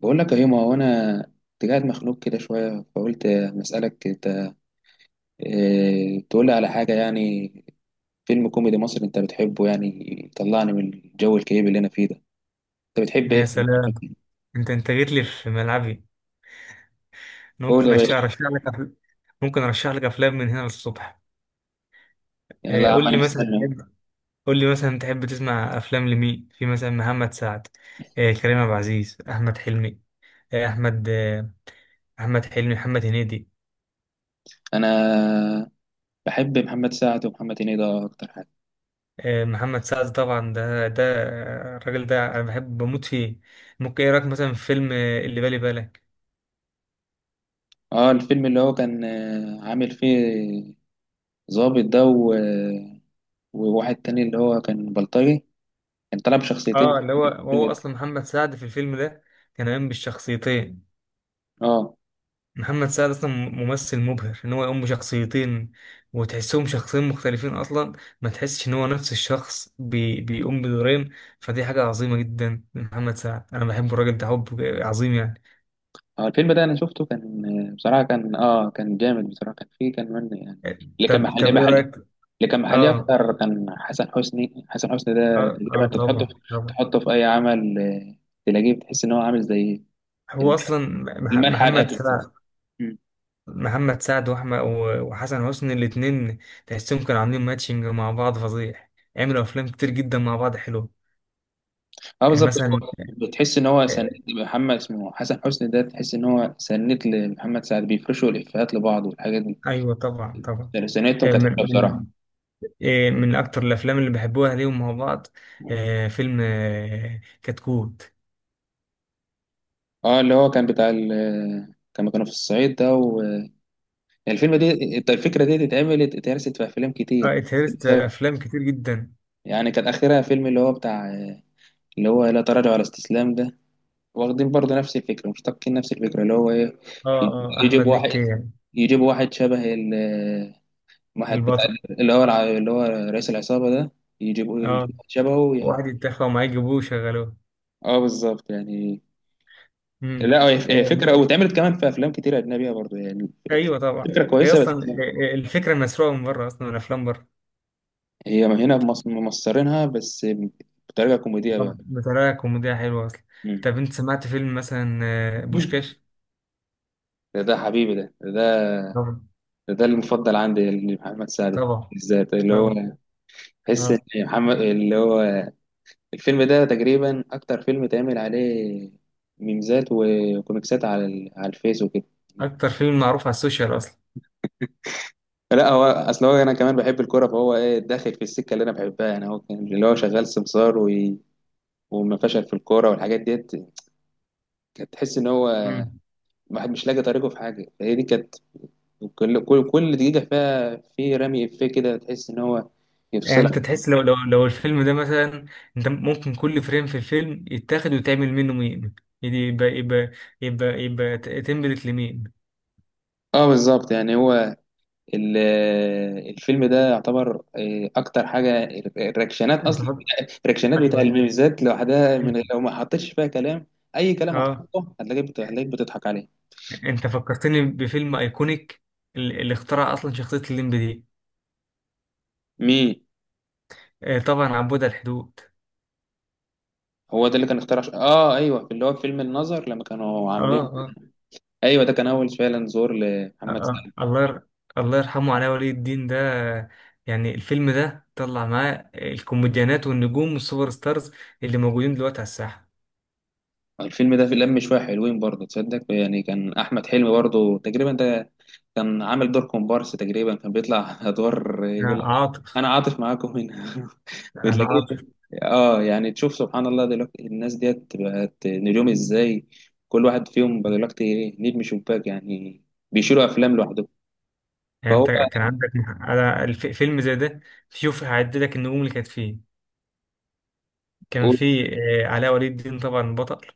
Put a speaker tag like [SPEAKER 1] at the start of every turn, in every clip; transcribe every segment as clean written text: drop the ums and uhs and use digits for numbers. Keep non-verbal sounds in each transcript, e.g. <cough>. [SPEAKER 1] بقول لك اهي. ما هو انا كنت قاعد مخنوق كده شويه، فقلت مسألك: انت إيه تقول لي على حاجه يعني؟ فيلم كوميدي مصري انت بتحبه، يعني يطلعني من الجو الكئيب اللي انا فيه ده. انت بتحب ايه
[SPEAKER 2] يا سلام. انت جيت لي في ملعبي. انا
[SPEAKER 1] قول يا
[SPEAKER 2] ممكن
[SPEAKER 1] باشا.
[SPEAKER 2] ارشح لك ممكن ارشح لك افلام من هنا للصبح.
[SPEAKER 1] يعني لا يا عم،
[SPEAKER 2] قول
[SPEAKER 1] انا
[SPEAKER 2] لي مثلا
[SPEAKER 1] مستني أهو.
[SPEAKER 2] تحب، قول لي مثلا تحب تسمع افلام لمين، في مثلا محمد سعد، كريم عبد العزيز، احمد حلمي، آه، احمد آه، احمد حلمي، محمد هنيدي.
[SPEAKER 1] انا بحب محمد سعد ومحمد هنيدي، ده اكتر حاجه.
[SPEAKER 2] محمد سعد طبعا، ده ده آه، الراجل ده انا بحب بموت فيه. ممكن ايه رايك مثلا في فيلم اللي بالي بالك.
[SPEAKER 1] اه، الفيلم اللي هو كان عامل فيه ظابط ده وواحد تاني اللي هو كان بلطجي، كان طلع بشخصيتين
[SPEAKER 2] اه،
[SPEAKER 1] في
[SPEAKER 2] اللي هو
[SPEAKER 1] الفيلم
[SPEAKER 2] هو
[SPEAKER 1] ده.
[SPEAKER 2] اصلا محمد سعد في الفيلم ده كان قايم بالشخصيتين.
[SPEAKER 1] اه،
[SPEAKER 2] محمد سعد اصلا ممثل مبهر ان هو يقوم بشخصيتين وتحسهم شخصين مختلفين اصلا، ما تحسش ان هو نفس الشخص بيقوم بدورين. فدي حاجه عظيمه جدا من محمد سعد، انا بحب الراجل ده حب عظيم يعني.
[SPEAKER 1] اه، الفيلم ده انا شفته، كان بصراحه كان جامد بصراحه. كان فيه كان من يعني اللي كان
[SPEAKER 2] طب
[SPEAKER 1] محل
[SPEAKER 2] طب ايه
[SPEAKER 1] محل
[SPEAKER 2] رايك؟
[SPEAKER 1] اللي كان محلي
[SPEAKER 2] اه
[SPEAKER 1] اكتر، كان حسن حسني. حسن حسني ده
[SPEAKER 2] اه،
[SPEAKER 1] تقريبا
[SPEAKER 2] اه
[SPEAKER 1] انت تحطه
[SPEAKER 2] طبعا
[SPEAKER 1] في،
[SPEAKER 2] طبعا.
[SPEAKER 1] تحطه في اي عمل تلاقيه، بتحس ان هو عامل زي
[SPEAKER 2] هو اصلا
[SPEAKER 1] الملح على
[SPEAKER 2] محمد
[SPEAKER 1] الاكل كده.
[SPEAKER 2] سعد،
[SPEAKER 1] مم.
[SPEAKER 2] محمد سعد واحمد وحسن حسني الاتنين تحسهم كانوا عاملين ماتشنج مع بعض فظيع، عملوا افلام كتير جدا مع بعض حلوه.
[SPEAKER 1] اه
[SPEAKER 2] يعني
[SPEAKER 1] بالظبط،
[SPEAKER 2] مثلا،
[SPEAKER 1] هو بتحس ان هو سند. محمد اسمه حسن حسني ده، تحس ان هو سند لمحمد سعد، بيفرشوا الافيهات لبعض والحاجات دي.
[SPEAKER 2] ايوه طبعا طبعا.
[SPEAKER 1] يعني سنتهم
[SPEAKER 2] آه،
[SPEAKER 1] كانت
[SPEAKER 2] من
[SPEAKER 1] حلوه بصراحه.
[SPEAKER 2] من من اكتر الافلام اللي بحبوها ليهم مع بعض فيلم كتكوت.
[SPEAKER 1] اه، اللي هو كان بتاع كانوا في الصعيد ده. يعني الفيلم دي، الفكرة دي اتعملت، اتهرست في أفلام كتير
[SPEAKER 2] اه، اتهرست
[SPEAKER 1] بسبب،
[SPEAKER 2] افلام كتير جدا.
[SPEAKER 1] يعني كان آخرها فيلم اللي هو بتاع، اللي هو لا تراجع ولا استسلام ده. واخدين برضه نفس الفكرة، مشتقين نفس الفكرة اللي هو إيه،
[SPEAKER 2] اه اه،
[SPEAKER 1] يجيب
[SPEAKER 2] احمد مكي
[SPEAKER 1] واحد،
[SPEAKER 2] يعني،
[SPEAKER 1] يجيب واحد شبه واحد بتاع
[SPEAKER 2] البطل.
[SPEAKER 1] اللي هو اللي هو رئيس العصابة ده، يجيبوه، يجيب
[SPEAKER 2] اه،
[SPEAKER 1] واحد شبهه يعني.
[SPEAKER 2] واحد يتاخد ومعاه يجيبوه وشغلوه.
[SPEAKER 1] اه بالظبط يعني.
[SPEAKER 2] امم.
[SPEAKER 1] لا، هي
[SPEAKER 2] آه،
[SPEAKER 1] فكرة واتعملت كمان في أفلام كتير أجنبية برضه يعني.
[SPEAKER 2] ايوه طبعا.
[SPEAKER 1] الفكرة
[SPEAKER 2] هي
[SPEAKER 1] كويسة، بس
[SPEAKER 2] اصلا الفكره مسروقه من بره اصلا، من افلام بره.
[SPEAKER 1] هي هنا ممصرينها بس بطريقة كوميدية بقى.
[SPEAKER 2] طب بطريقه كوميديه حلوه اصلا. طب انت سمعت فيلم مثلا
[SPEAKER 1] ده
[SPEAKER 2] بوشكاش؟
[SPEAKER 1] ده حبيبي ده،
[SPEAKER 2] طبعا
[SPEAKER 1] ده المفضل عندي لمحمد سعد
[SPEAKER 2] طبعا
[SPEAKER 1] بالذات، اللي هو
[SPEAKER 2] طبعا.
[SPEAKER 1] تحس ان
[SPEAKER 2] اه،
[SPEAKER 1] محمد اللي هو الفيلم ده تقريبا اكتر فيلم اتعمل عليه ميمزات وكوميكسات على على الفيس وكده.
[SPEAKER 2] اكتر فيلم معروف على السوشيال اصلا.
[SPEAKER 1] لا، هو اصل هو انا كمان بحب الكوره، فهو ايه داخل في السكه اللي انا بحبها يعني. هو كان اللي هو شغال سمسار وما فشل في الكوره والحاجات ديت. كانت تحس ان هو
[SPEAKER 2] مم.
[SPEAKER 1] الواحد مش لاقي طريقه في حاجه، فهي دي كانت كل دقيقه فيها في رمي افيه كده، تحس ان هو
[SPEAKER 2] يعني
[SPEAKER 1] يفصلك.
[SPEAKER 2] انت تحس لو لو الفيلم ده مثلا، انت ممكن كل فريم في الفيلم يتاخد وتعمل منه ميم. يعني يبقى تمبلت لميم.
[SPEAKER 1] اه بالظبط يعني. هو الفيلم ده يعتبر اكتر حاجه الرياكشنات
[SPEAKER 2] انت
[SPEAKER 1] اصلا،
[SPEAKER 2] فك...
[SPEAKER 1] الرياكشنات بتاع
[SPEAKER 2] ايوه.
[SPEAKER 1] الميمزات لوحدها، من
[SPEAKER 2] انت...
[SPEAKER 1] لو ما حطيتش فيها كلام، اي كلام
[SPEAKER 2] اه،
[SPEAKER 1] هتحطه هتلاقيك هتلاقيك بتضحك عليه.
[SPEAKER 2] انت فكرتني بفيلم ايكونيك، اللي اخترع اصلا شخصية الليمب دي.
[SPEAKER 1] مين؟
[SPEAKER 2] آه طبعا، عبود على الحدود.
[SPEAKER 1] هو ده اللي كان اخترع اه، ايوه، اللي هو فيلم النظر لما كانوا
[SPEAKER 2] اه
[SPEAKER 1] عاملين. ايوه، ده كان اول فعلا زور
[SPEAKER 2] آه.
[SPEAKER 1] لمحمد
[SPEAKER 2] آه.
[SPEAKER 1] سعد.
[SPEAKER 2] الله ير... الله يرحمه علاء ولي الدين ده. يعني الفيلم ده طلع معاه الكوميديانات والنجوم والسوبر ستارز اللي موجودين دلوقتي على الساحة.
[SPEAKER 1] الفيلم ده في لم شويه حلوين برضه، تصدق؟ يعني كان احمد حلمي برضه تقريبا ده كان عامل دور كومبارس تقريبا، كان بيطلع <laughs> ادوار يقول لك:
[SPEAKER 2] عاطف،
[SPEAKER 1] انا عاطف معاكم هنا.
[SPEAKER 2] انا
[SPEAKER 1] بتلاقيه،
[SPEAKER 2] عاطف.
[SPEAKER 1] اه يعني، تشوف سبحان الله دلوقتي الناس ديت بقت نجوم ازاي، كل واحد فيهم بقى دلوقتي ايه، نجم شباك يعني، بيشيلوا افلام لوحدهم،
[SPEAKER 2] يعني
[SPEAKER 1] فهو.
[SPEAKER 2] انت كان عندك، انا فيلم زي ده، شوف هعد لك النجوم اللي كانت فيه. كان
[SPEAKER 1] قول.
[SPEAKER 2] فيه علاء ولي الدين طبعا بطل،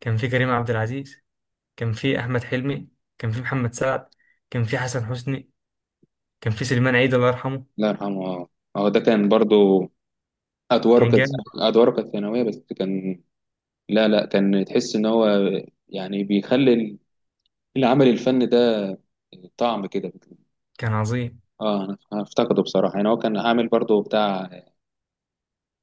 [SPEAKER 2] كان فيه كريم عبد العزيز، كان فيه احمد حلمي، كان فيه محمد سعد، كان فيه حسن حسني، كان فيه سليمان عيد الله يرحمه.
[SPEAKER 1] الله يرحمه، اه. هو ده كان برضو، ادواره
[SPEAKER 2] كان
[SPEAKER 1] كانت،
[SPEAKER 2] جامد،
[SPEAKER 1] ادواره كانت ثانويه، بس كان، لا لا، كان تحس ان هو يعني بيخلي العمل الفني ده طعم كده.
[SPEAKER 2] كان عظيم.
[SPEAKER 1] اه، أنا افتقده بصراحه يعني. هو كان عامل برضو بتاع،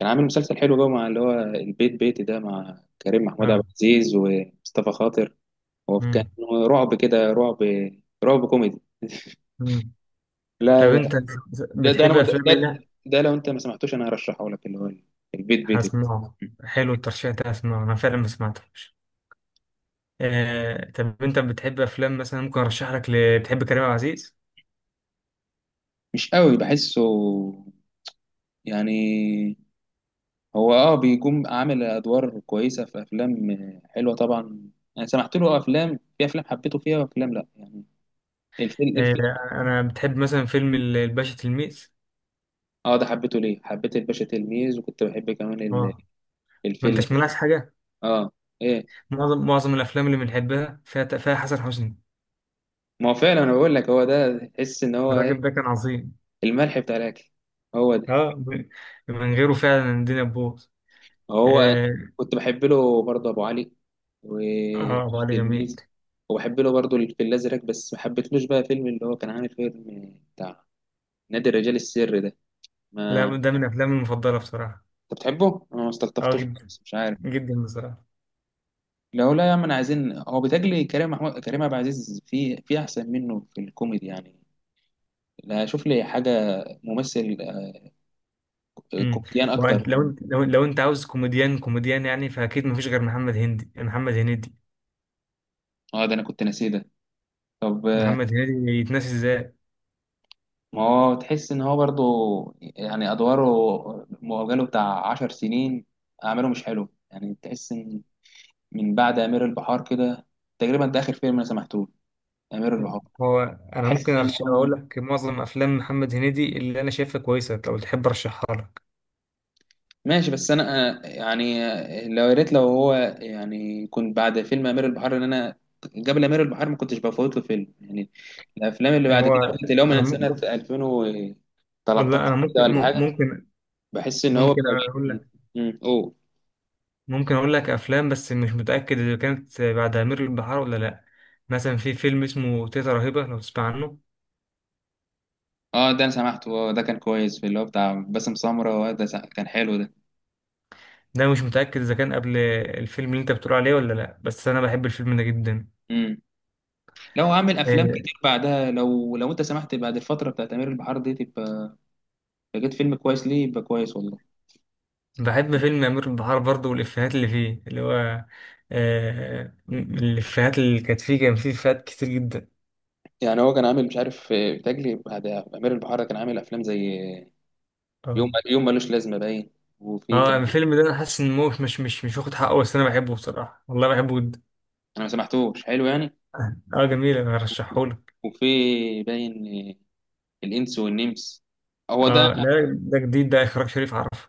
[SPEAKER 1] كان عامل مسلسل حلو بقى مع اللي هو البيت بيتي ده، مع كريم محمود عبد
[SPEAKER 2] اه.
[SPEAKER 1] العزيز ومصطفى خاطر. هو كان
[SPEAKER 2] مم.
[SPEAKER 1] رعب كده، رعب، رعب كوميدي.
[SPEAKER 2] مم. طب
[SPEAKER 1] لا،
[SPEAKER 2] انت
[SPEAKER 1] ده ده
[SPEAKER 2] بتحب
[SPEAKER 1] انا ده,
[SPEAKER 2] افلام ايه؟
[SPEAKER 1] ده
[SPEAKER 2] لا،
[SPEAKER 1] ده لو انت ما سمعتوش انا هرشحه لك، اللي هو البيت بيتي ده.
[SPEAKER 2] هسمعه. حلو الترشيح ده، هسمعه انا فعلا ما سمعتوش. طب انت بتحب افلام مثلا ممكن ارشح لك بتحب كريم عبد العزيز؟
[SPEAKER 1] مش قوي بحسه يعني. هو بيكون عامل ادوار كويسه في افلام حلوه طبعا، انا سمعت له افلام، في افلام حبيته فيها وافلام لا يعني. الفيلم
[SPEAKER 2] آه،
[SPEAKER 1] الفيلم،
[SPEAKER 2] انا بتحب مثلا فيلم الباشا تلميذ.
[SPEAKER 1] اه ده حبيته. ليه حبيت الباشا تلميذ، وكنت بحب كمان
[SPEAKER 2] اه، ما
[SPEAKER 1] الفيل.
[SPEAKER 2] انتش ملاحظ حاجه؟
[SPEAKER 1] اه، ايه؟
[SPEAKER 2] معظم الافلام اللي بنحبها فيها حسن حسني.
[SPEAKER 1] ما هو فعلا، انا بقول لك هو ده تحس ان هو
[SPEAKER 2] الراجل
[SPEAKER 1] إيه؟
[SPEAKER 2] ده كان عظيم.
[SPEAKER 1] الملح بتاع الاكل، هو ده.
[SPEAKER 2] اه، من من غيره فعلا الدنيا تبوظ.
[SPEAKER 1] هو
[SPEAKER 2] اه.
[SPEAKER 1] كنت بحب له برضه ابو علي
[SPEAKER 2] آه، ابو
[SPEAKER 1] وفيش
[SPEAKER 2] علي جميل.
[SPEAKER 1] تلميذ، وبحب له برضه الفيل الازرق، بس ما حبيتلوش بقى فيلم اللي هو كان عامل فيلم بتاع نادي الرجال السري ده.
[SPEAKER 2] لا،
[SPEAKER 1] ما انت
[SPEAKER 2] ده من افلامي المفضله بصراحه.
[SPEAKER 1] بتحبه، انا ما
[SPEAKER 2] اه
[SPEAKER 1] استلطفتوش،
[SPEAKER 2] جدا،
[SPEAKER 1] بس مش عارف.
[SPEAKER 2] جدا بصراحه.
[SPEAKER 1] لو لا يا عم، انا عايزين، هو بيتهيألي كريم عبد العزيز في احسن منه في الكوميدي يعني. لا، شوف لي حاجه ممثل،
[SPEAKER 2] امم.
[SPEAKER 1] كوميديان اكتر.
[SPEAKER 2] وانت لو انت عاوز كوميديان يعني، فاكيد مفيش غير محمد هندي، محمد هنيدي.
[SPEAKER 1] اه ده انا كنت ناسيه ده. طب
[SPEAKER 2] محمد هنيدي يتناسي ازاي؟
[SPEAKER 1] ما هو تحس ان هو برضه يعني ادواره مؤجله بتاع 10 سنين، اعماله مش حلو يعني. تحس ان من بعد امير البحار كده تقريبا ده اخر فيلم انا سمعته. امير البحار،
[SPEAKER 2] هو انا ممكن
[SPEAKER 1] تحس ان
[SPEAKER 2] ارشح،
[SPEAKER 1] هو
[SPEAKER 2] اقول لك معظم افلام محمد هنيدي اللي انا شايفها كويسه لو تحب ارشحها لك.
[SPEAKER 1] ماشي. بس انا يعني لو يا ريت، لو هو يعني، كنت بعد فيلم امير البحار، ان انا قبل امير البحار ما كنتش بفوت له فيلم يعني. الافلام اللي بعد
[SPEAKER 2] هو
[SPEAKER 1] كده بدات، اللي هو
[SPEAKER 2] انا
[SPEAKER 1] من سنه
[SPEAKER 2] ممكن، والله
[SPEAKER 1] 2013
[SPEAKER 2] انا
[SPEAKER 1] كده
[SPEAKER 2] ممكن
[SPEAKER 1] ولا حاجه، بحس ان هو
[SPEAKER 2] ممكن
[SPEAKER 1] بقى
[SPEAKER 2] اقول
[SPEAKER 1] بي-
[SPEAKER 2] لك
[SPEAKER 1] مم، قول.
[SPEAKER 2] ممكن اقول لك افلام، بس مش متاكد اذا كانت بعد امير البحار ولا لا. مثلا في فيلم اسمه تيتا رهيبه لو تسمع عنه.
[SPEAKER 1] اه ده انا سمعته، ده كان كويس، في اللي هو بتاع باسم سمرة، ده كان حلو ده.
[SPEAKER 2] ده مش متاكد اذا كان قبل الفيلم اللي انت بتقول عليه ولا لا، بس انا بحب الفيلم ده جدا.
[SPEAKER 1] امم لو عامل افلام
[SPEAKER 2] آه،
[SPEAKER 1] كتير بعدها، لو انت سمحت بعد الفتره بتاعت امير البحار دي، تبقى لقيت فيلم كويس ليه، يبقى كويس والله.
[SPEAKER 2] بحب فيلم أمير البحار برضه والإفيهات اللي فيه، اللي هو الإفيهات اللي كانت فيه، كان فيه إفيهات كتير جدا.
[SPEAKER 1] يعني هو كان عامل، مش عارف، بيتهيألي بعد امير البحار ده كان عامل افلام زي يوم
[SPEAKER 2] اه
[SPEAKER 1] يوم، ملوش لازمه باين. وفي
[SPEAKER 2] اه،
[SPEAKER 1] كان،
[SPEAKER 2] الفيلم ده أنا حاسس إن هو مش واخد حقه، بس أنا بحبه بصراحة، والله بحبه جدا.
[SPEAKER 1] انا ما سمحتوش حلو يعني.
[SPEAKER 2] اه جميل، أنا هرشحهولك.
[SPEAKER 1] وفي باين، آه، الانس والنمس، هو ده.
[SPEAKER 2] اه لا، ده جديد، ده إخراج شريف عرفة.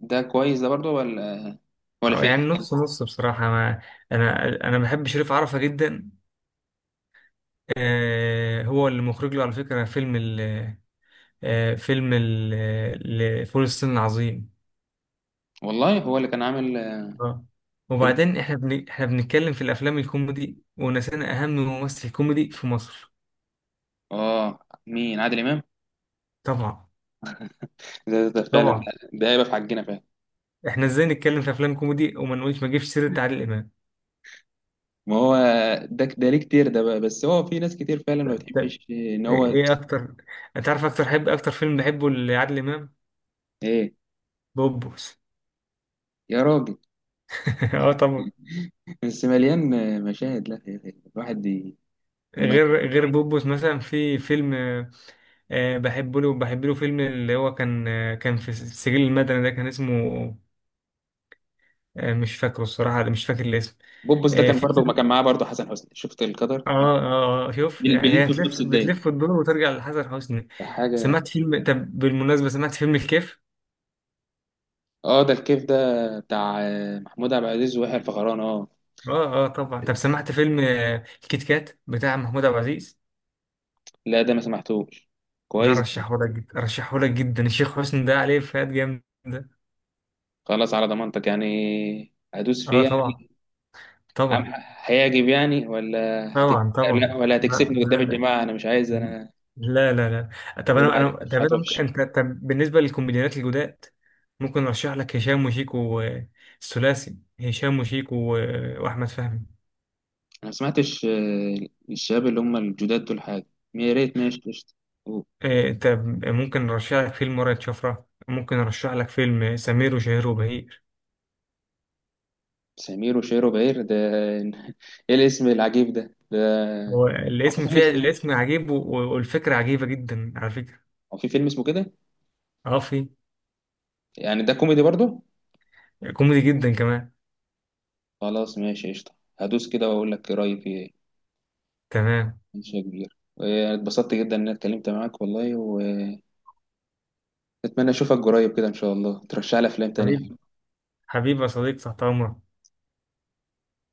[SPEAKER 1] ده كويس ده برضه ولا
[SPEAKER 2] اه
[SPEAKER 1] فيه؟
[SPEAKER 2] يعني نص نص بصراحة. ما أنا بحب شريف عرفة جدا. آه، هو اللي مخرج له على فكرة فيلم فول الصين العظيم.
[SPEAKER 1] والله هو اللي كان عامل
[SPEAKER 2] اه،
[SPEAKER 1] فيلم.
[SPEAKER 2] وبعدين احنا بنتكلم في الافلام الكوميدي ونسينا اهم ممثل كوميدي في مصر.
[SPEAKER 1] اه، مين؟ عادل امام؟
[SPEAKER 2] طبعا
[SPEAKER 1] ده، ده فعلا،
[SPEAKER 2] طبعا.
[SPEAKER 1] ده، ده هيبقى في حقنا فعلا.
[SPEAKER 2] احنا ازاي نتكلم في افلام كوميدي وما نقولش، ما نجيبش سيره عادل امام؟
[SPEAKER 1] ما هو ده ليه كتير ده بقى، بس هو في ناس كتير فعلا ما
[SPEAKER 2] طب
[SPEAKER 1] بتحبش ان
[SPEAKER 2] ايه
[SPEAKER 1] هو.
[SPEAKER 2] إيه اكتر، انت عارف اكتر حب، اكتر فيلم بحبه لعادل امام؟
[SPEAKER 1] ايه؟
[SPEAKER 2] بوبوس.
[SPEAKER 1] يا راجل،
[SPEAKER 2] <laughs> اه طبعا.
[SPEAKER 1] بس مليان مشاهد. لا يا أخي، الواحد لما-
[SPEAKER 2] غير غير بوبوس مثلا في فيلم بحبه له، بحب له فيلم اللي هو كان آه، كان في السجل المدني ده، كان اسمه آه، مش فاكره الصراحه، مش فاكر الاسم.
[SPEAKER 1] بوبس ده
[SPEAKER 2] آه،
[SPEAKER 1] كان
[SPEAKER 2] في.
[SPEAKER 1] برضه ما كان معاه برضه حسن حسني. شفت القدر
[SPEAKER 2] اه
[SPEAKER 1] أهو،
[SPEAKER 2] اه، شوف يعني،
[SPEAKER 1] بيلف
[SPEAKER 2] هي
[SPEAKER 1] في نفس
[SPEAKER 2] هتلف،
[SPEAKER 1] الدايره،
[SPEAKER 2] بتلف وتدور وترجع لحسن حسني.
[SPEAKER 1] ده حاجه.
[SPEAKER 2] سمعت فيلم، طب بالمناسبة سمعت فيلم الكيف؟
[SPEAKER 1] اه، ده الكيف ده بتاع محمود عبد العزيز ويحيى الفخراني، اه.
[SPEAKER 2] اه اه طبعا. طب سمعت فيلم الكيت كات بتاع محمود عبد العزيز؟
[SPEAKER 1] لا ده ما سمحتوش،
[SPEAKER 2] ده
[SPEAKER 1] كويس.
[SPEAKER 2] رشحه لك جدا، رشحه لك جدا، الشيخ حسني ده عليه افيهات جامدة.
[SPEAKER 1] خلاص على ضمانتك، يعني هدوس
[SPEAKER 2] اه
[SPEAKER 1] فيه.
[SPEAKER 2] طبعا
[SPEAKER 1] أم
[SPEAKER 2] طبعا
[SPEAKER 1] هيعجب يعني ولا هتك...؟
[SPEAKER 2] طبعا. طبعا.
[SPEAKER 1] لا ولا
[SPEAKER 2] لا
[SPEAKER 1] هتكسفني قدام
[SPEAKER 2] لا.
[SPEAKER 1] الجماعة، أنا مش عايز أنا
[SPEAKER 2] لا لا لا. لا، طب
[SPEAKER 1] يقول
[SPEAKER 2] انا انا
[SPEAKER 1] عليها
[SPEAKER 2] طب
[SPEAKER 1] مدفوعات
[SPEAKER 2] انا ممكن،
[SPEAKER 1] وحشة.
[SPEAKER 2] انت طب بالنسبة للكوميديانات الجداد، ممكن ارشح لك هشام وشيكو، الثلاثي هشام وشيكو واحمد فهمي.
[SPEAKER 1] أنا ما سمعتش الشباب اللي هم الجداد دول حاجة. يا ريت، ماشي قشطة. أوه،
[SPEAKER 2] إيه، انت ممكن نرشح لك فيلم ورقة شفرة، ممكن نرشح لك فيلم سمير وشهير وبهير.
[SPEAKER 1] سمير وشير وبهير ده، <laughs> إيه الاسم العجيب ده ده؟
[SPEAKER 2] هو
[SPEAKER 1] هو في
[SPEAKER 2] الاسم،
[SPEAKER 1] فيلم
[SPEAKER 2] فيه
[SPEAKER 1] اسمه إيه؟
[SPEAKER 2] الاسم عجيب والفكرة عجيبة جدا على فكرة.
[SPEAKER 1] هو في فيلم اسمه كده،
[SPEAKER 2] اه في.
[SPEAKER 1] يعني ده كوميدي برضه؟
[SPEAKER 2] كوميدي جدا كمان.
[SPEAKER 1] خلاص ماشي قشطة، هدوس كده وأقول لك رأيي فيه إيه.
[SPEAKER 2] تمام.
[SPEAKER 1] ماشي يا كبير، اتبسطت جدا إن أنا اتكلمت معاك والله، وأتمنى أشوفك قريب كده إن شاء الله ترشح لي أفلام تانية.
[SPEAKER 2] حبيب، حبيبي يا صديق، تحت امرك.